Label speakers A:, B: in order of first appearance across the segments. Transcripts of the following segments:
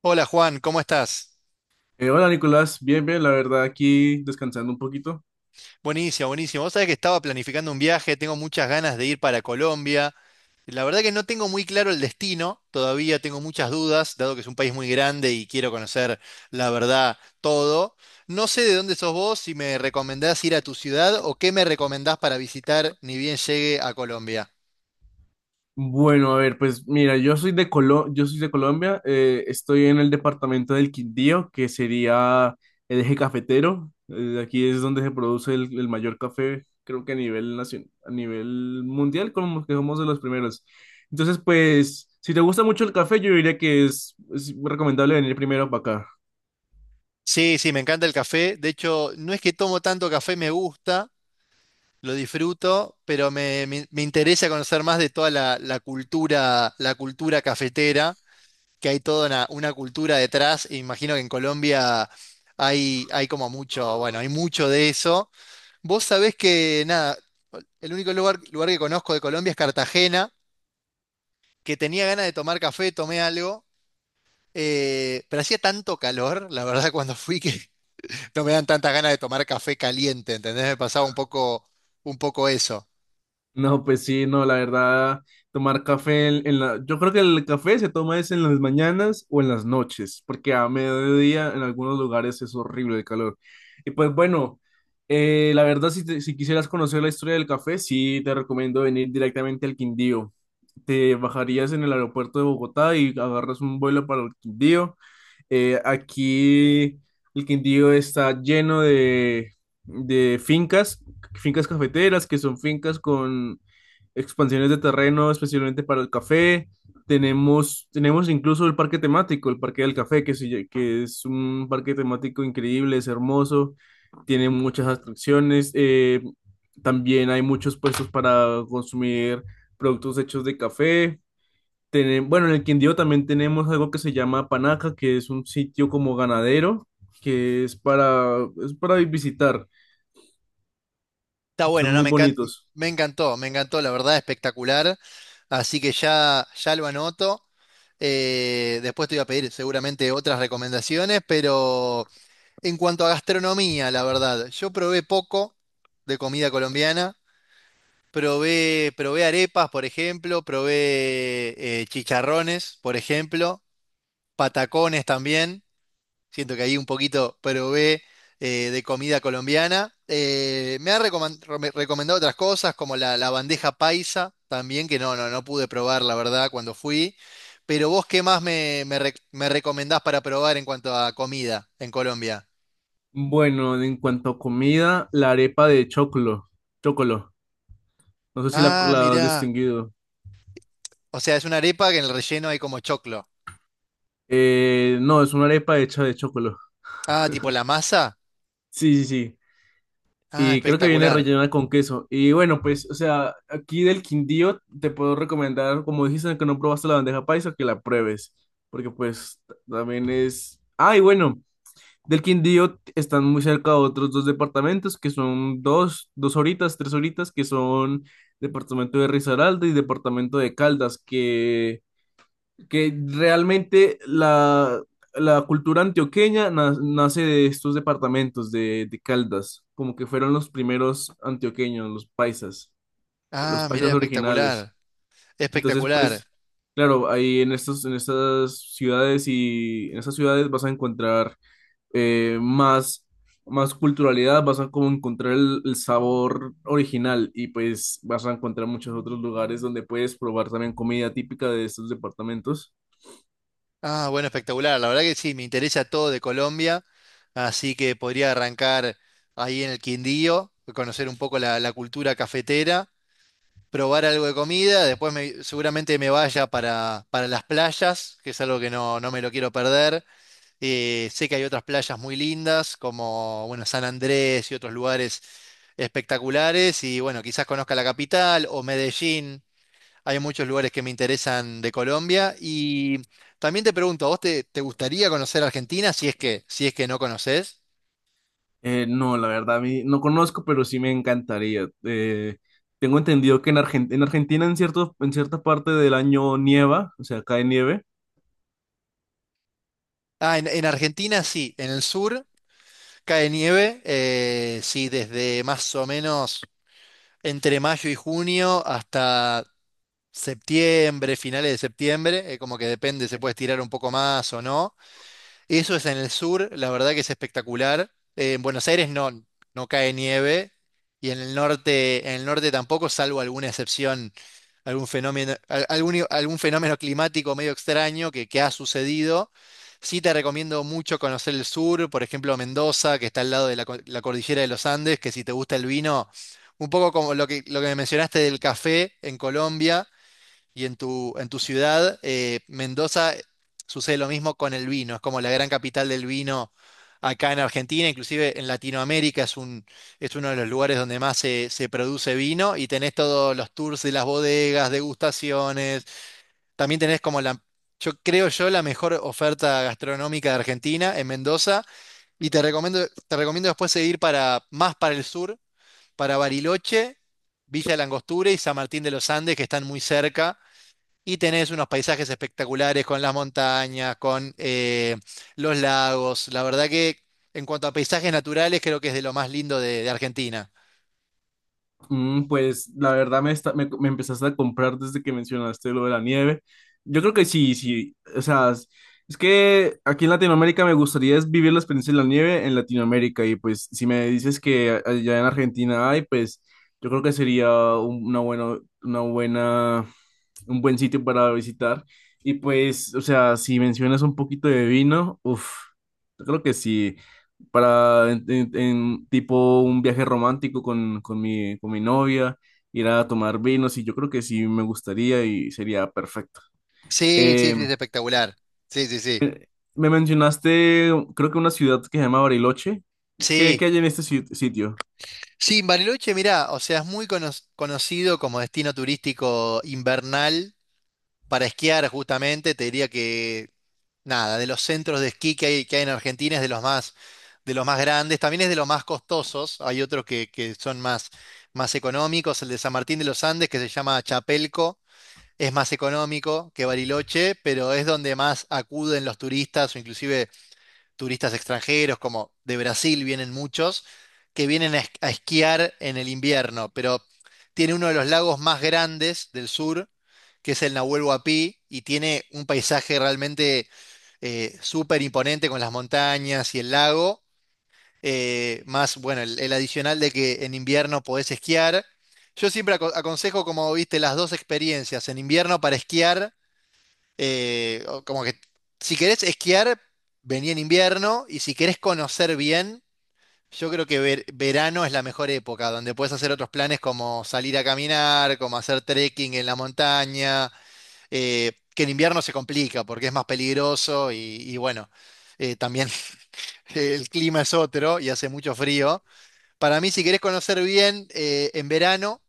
A: Hola Juan, ¿cómo estás?
B: Hola Nicolás, bien, bien, la verdad aquí descansando un poquito.
A: Buenísimo, buenísimo. Vos sabés que estaba planificando un viaje, tengo muchas ganas de ir para Colombia. La verdad que no tengo muy claro el destino, todavía tengo muchas dudas, dado que es un país muy grande y quiero conocer la verdad todo. No sé de dónde sos vos, si me recomendás ir a tu ciudad o qué me recomendás para visitar ni bien llegue a Colombia.
B: Bueno, a ver, pues mira, yo soy de Colombia. Estoy en el departamento del Quindío, que sería el eje cafetero. Aquí es donde se produce el mayor café, creo que a nivel mundial, como que somos de los primeros. Entonces, pues, si te gusta mucho el café, yo diría que es recomendable venir primero para acá.
A: Sí, sí, me encanta el café. De hecho, no es que tomo tanto café, me gusta, lo disfruto, pero me interesa conocer más de toda la cultura, la cultura cafetera, que hay toda una cultura detrás, e imagino que en Colombia hay como mucho, bueno, hay mucho de eso. Vos sabés que nada, el único lugar que conozco de Colombia es Cartagena, que tenía ganas de tomar café, tomé algo. Pero hacía tanto calor, la verdad, cuando fui que no me dan tantas ganas de tomar café caliente, ¿entendés? Me pasaba un poco eso.
B: No, pues sí, no, la verdad, tomar café en yo creo que el café se toma es en las mañanas o en las noches, porque a mediodía en algunos lugares es horrible el calor. Y pues bueno, la verdad, si quisieras conocer la historia del café, sí te recomiendo venir directamente al Quindío. Te bajarías en el aeropuerto de Bogotá y agarras un vuelo para el Quindío. Aquí el Quindío está lleno de fincas, fincas cafeteras, que son fincas con expansiones de terreno especialmente para el café. Tenemos incluso el parque temático, el Parque del Café, que es un parque temático increíble, es hermoso, tiene muchas atracciones. También hay muchos puestos para consumir productos hechos de café bueno, en el Quindío también tenemos algo que se llama Panaca, que es un sitio como ganadero, que es para, es para visitar.
A: Está
B: Son
A: bueno, ¿no?
B: muy bonitos.
A: Me encantó, me encantó, la verdad, espectacular. Así que ya, ya lo anoto. Después te voy a pedir seguramente otras recomendaciones, pero en cuanto a gastronomía, la verdad, yo probé poco de comida colombiana. Probé arepas, por ejemplo, probé chicharrones, por ejemplo, patacones también. Siento que ahí un poquito probé de comida colombiana. Me han recomendado otras cosas, como la bandeja paisa también, que no pude probar, la verdad, cuando fui. Pero vos, ¿qué más me recomendás para probar en cuanto a comida en Colombia?
B: Bueno, en cuanto a comida, la arepa de choclo, chocolo. No sé si
A: Ah,
B: la has
A: mirá.
B: distinguido.
A: O sea, es una arepa que en el relleno hay como choclo.
B: No, es una arepa hecha de chocolo.
A: Ah, tipo la masa.
B: Sí, sí, sí.
A: Ah,
B: Y creo que viene
A: espectacular.
B: rellena con queso. Y bueno, pues, o sea, aquí del Quindío te puedo recomendar, como dijiste que no probaste la bandeja paisa, que la pruebes. Porque pues también es... Ah, y bueno, del Quindío están muy cerca otros dos departamentos, que son dos, dos horitas, tres horitas, que son departamento de Risaralda y departamento de Caldas, que realmente la cultura nace de estos departamentos de Caldas, como que fueron los primeros antioqueños, los
A: Ah, mirá,
B: paisas originales.
A: espectacular.
B: Entonces,
A: Espectacular.
B: pues, claro, ahí en estas ciudades y en esas ciudades vas a encontrar eh, más, más culturalidad, vas a como encontrar el sabor original y pues vas a encontrar muchos otros lugares donde puedes probar también comida típica de estos departamentos.
A: Ah, bueno, espectacular. La verdad que sí, me interesa todo de Colombia, así que podría arrancar ahí en el Quindío, conocer un poco la cultura cafetera, probar algo de comida, seguramente me vaya para las playas, que es algo que no me lo quiero perder. Sé que hay otras playas muy lindas, como bueno, San Andrés y otros lugares espectaculares, y bueno, quizás conozca la capital o Medellín. Hay muchos lugares que me interesan de Colombia y también te pregunto, ¿a vos te gustaría conocer Argentina si es que, si es que no conocés?
B: No, la verdad, a mí no conozco, pero sí me encantaría. Tengo entendido en Argentina en en cierta parte del año nieva, o sea, cae nieve.
A: Ah, en Argentina sí, en el sur cae nieve, sí, desde más o menos entre mayo y junio hasta septiembre, finales de septiembre, como que depende, se puede estirar un poco más o no. Eso es en el sur, la verdad que es espectacular. En Buenos Aires no, no cae nieve y en el norte tampoco, salvo alguna excepción, algún fenómeno, algún, algún fenómeno climático medio extraño que ha sucedido. Sí te recomiendo mucho conocer el sur, por ejemplo Mendoza, que está al lado de la cordillera de los Andes, que si te gusta el vino, un poco como lo que me mencionaste del café en Colombia. Y en en tu ciudad, Mendoza, sucede lo mismo con el vino. Es como la gran capital del vino acá en Argentina, inclusive en Latinoamérica es un, es uno de los lugares donde más se produce vino y tenés todos los tours de las bodegas, degustaciones. También tenés como yo creo yo, la mejor oferta gastronómica de Argentina en Mendoza. Y te recomiendo después seguir más para el sur, para Bariloche. Villa de la Angostura y San Martín de los Andes, que están muy cerca, y tenés unos paisajes espectaculares con las montañas, con los lagos. La verdad que en cuanto a paisajes naturales, creo que es de lo más lindo de Argentina.
B: Mm, pues la verdad me empezaste a comprar desde que mencionaste lo de la nieve. Yo creo que sí, sí. O sea, es que aquí en Latinoamérica me gustaría es vivir la experiencia de la nieve en Latinoamérica. Y pues si me dices que allá en Argentina hay, pues yo creo que sería una buena, un buen sitio para visitar. Y pues, o sea, si mencionas un poquito de vino, uff, yo creo que sí para en tipo un viaje romántico con, con mi novia, ir a tomar vinos y yo creo que sí me gustaría y sería perfecto.
A: Sí, sí,
B: Eh,
A: sí, es espectacular. Sí, sí, sí.
B: me mencionaste, creo que una ciudad que se llama Bariloche. ¿Qué, qué
A: Sí.
B: hay en este sitio?
A: Sí, Bariloche, mirá, o sea, es muy conocido como destino turístico invernal, para esquiar justamente, te diría que nada, de los centros de esquí que hay en Argentina es de los más grandes, también es de los más costosos, hay otros que son más, más económicos, el de San Martín de los Andes que se llama Chapelco, es más económico que Bariloche, pero es donde más acuden los turistas o inclusive turistas extranjeros, como de Brasil vienen muchos, que vienen a esquiar en el invierno, pero tiene uno de los lagos más grandes del sur, que es el Nahuel Huapi, y tiene un paisaje realmente súper imponente con las montañas y el lago, más, bueno, el adicional de que en invierno podés esquiar. Yo siempre aconsejo, como viste, las dos experiencias, en invierno para esquiar o como que si querés esquiar, vení en invierno y si querés conocer bien, yo creo que verano es la mejor época, donde puedes hacer otros planes como salir a caminar, como hacer trekking en la montaña, que en invierno se complica porque es más peligroso y bueno, también el clima es otro y hace mucho frío. Para mí, si querés conocer bien, en verano...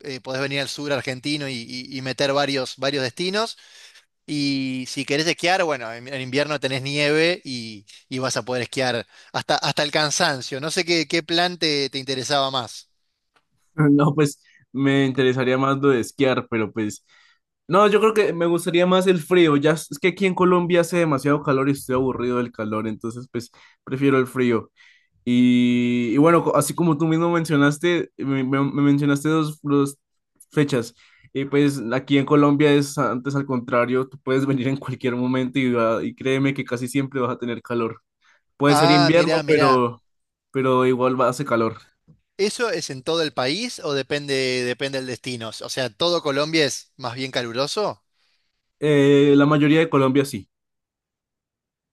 A: podés venir al sur argentino y meter varios, varios destinos. Y si querés esquiar, bueno, en invierno tenés nieve y vas a poder esquiar hasta, hasta el cansancio. No sé qué, qué plan te interesaba más.
B: No, pues me interesaría más lo de esquiar, pero pues... No, yo creo que me gustaría más el frío. Ya es que aquí en Colombia hace demasiado calor y estoy aburrido del calor, entonces pues prefiero el frío. Y bueno, así como tú mismo mencionaste, me mencionaste dos, dos fechas. Y pues aquí en Colombia es antes al contrario, tú puedes venir en cualquier momento y, y créeme que casi siempre vas a tener calor. Puede ser
A: Ah,
B: invierno,
A: mirá, mirá.
B: pero igual va, hace calor.
A: ¿Eso es en todo el país o depende, depende del destino? O sea, ¿todo Colombia es más bien caluroso?
B: La mayoría de Colombia sí,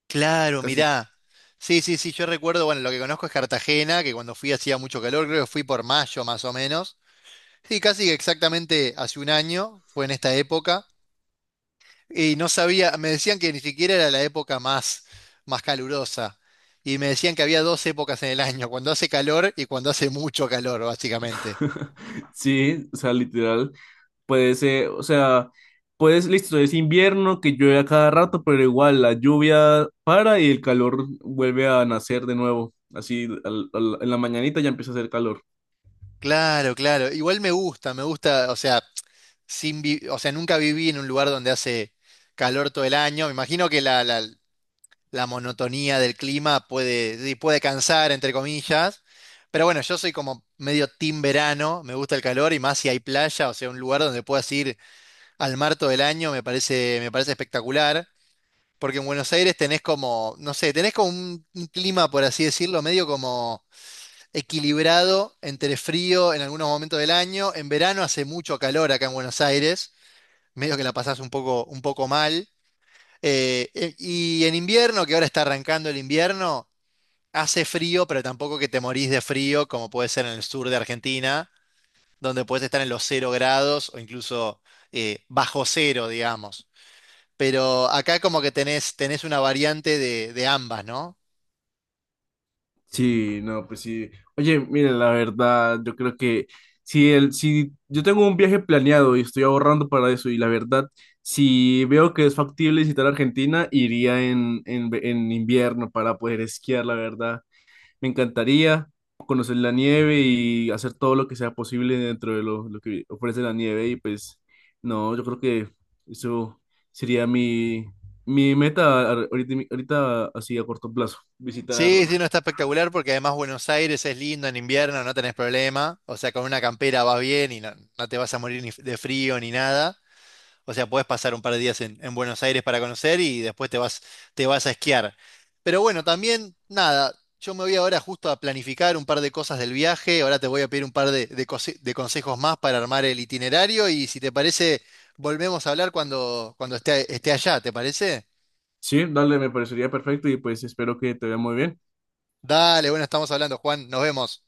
A: Claro,
B: casi.
A: mirá. Sí, sí, sí, yo recuerdo, bueno, lo que conozco es Cartagena, que cuando fui hacía mucho calor, creo que fui por mayo más o menos. Sí, casi exactamente hace un año, fue en esta época. Y no sabía, me decían que ni siquiera era la época más, más calurosa. Y me decían que había dos épocas en el año, cuando hace calor y cuando hace mucho calor, básicamente.
B: Sí, o sea, literal. Puede ser, o sea, puedes, listo, es invierno que llueve a cada rato, pero igual la lluvia para y el calor vuelve a nacer de nuevo. Así, en la mañanita ya empieza a hacer calor.
A: Claro, claro. Igual me gusta, o sea, sin vi- o sea, nunca viví en un lugar donde hace calor todo el año. Me imagino que la monotonía del clima puede, sí, puede cansar, entre comillas. Pero bueno, yo soy como medio team verano, me gusta el calor y más si hay playa, o sea, un lugar donde puedas ir al mar todo el año me parece espectacular, porque en Buenos Aires tenés como, no sé, tenés como un clima, por así decirlo, medio como equilibrado entre frío en algunos momentos del año. En verano hace mucho calor acá en Buenos Aires, medio que la pasás un poco mal. Y en invierno, que ahora está arrancando el invierno, hace frío, pero tampoco que te morís de frío, como puede ser en el sur de Argentina, donde puedes estar en los 0 grados o incluso bajo cero, digamos, pero acá como que tenés, tenés una variante de ambas, ¿no?
B: Sí, no, pues sí. Oye, mire la verdad, yo creo que si yo tengo un viaje planeado y estoy ahorrando para eso, y la verdad, si veo que es factible visitar Argentina, iría en invierno para poder esquiar, la verdad. Me encantaría conocer la nieve y hacer todo lo que sea posible dentro de lo que ofrece la nieve. Y pues, no, yo creo que eso sería mi, ahorita, ahorita así a corto plazo. Visitar.
A: Sí, sí, no está espectacular porque además Buenos Aires es lindo en invierno, no tenés problema, o sea, con una campera vas bien y no, no te vas a morir ni de frío ni nada. O sea, podés pasar un par de días en Buenos Aires para conocer y después te vas a esquiar. Pero bueno, también, nada, yo me voy ahora justo a planificar un par de cosas del viaje. Ahora te voy a pedir un par de, de consejos más para armar el itinerario y si te parece, volvemos a hablar cuando, cuando esté, esté allá, ¿te parece?
B: Sí, dale, me parecería perfecto y pues espero que te vea muy bien.
A: Dale, bueno, estamos hablando, Juan, nos vemos.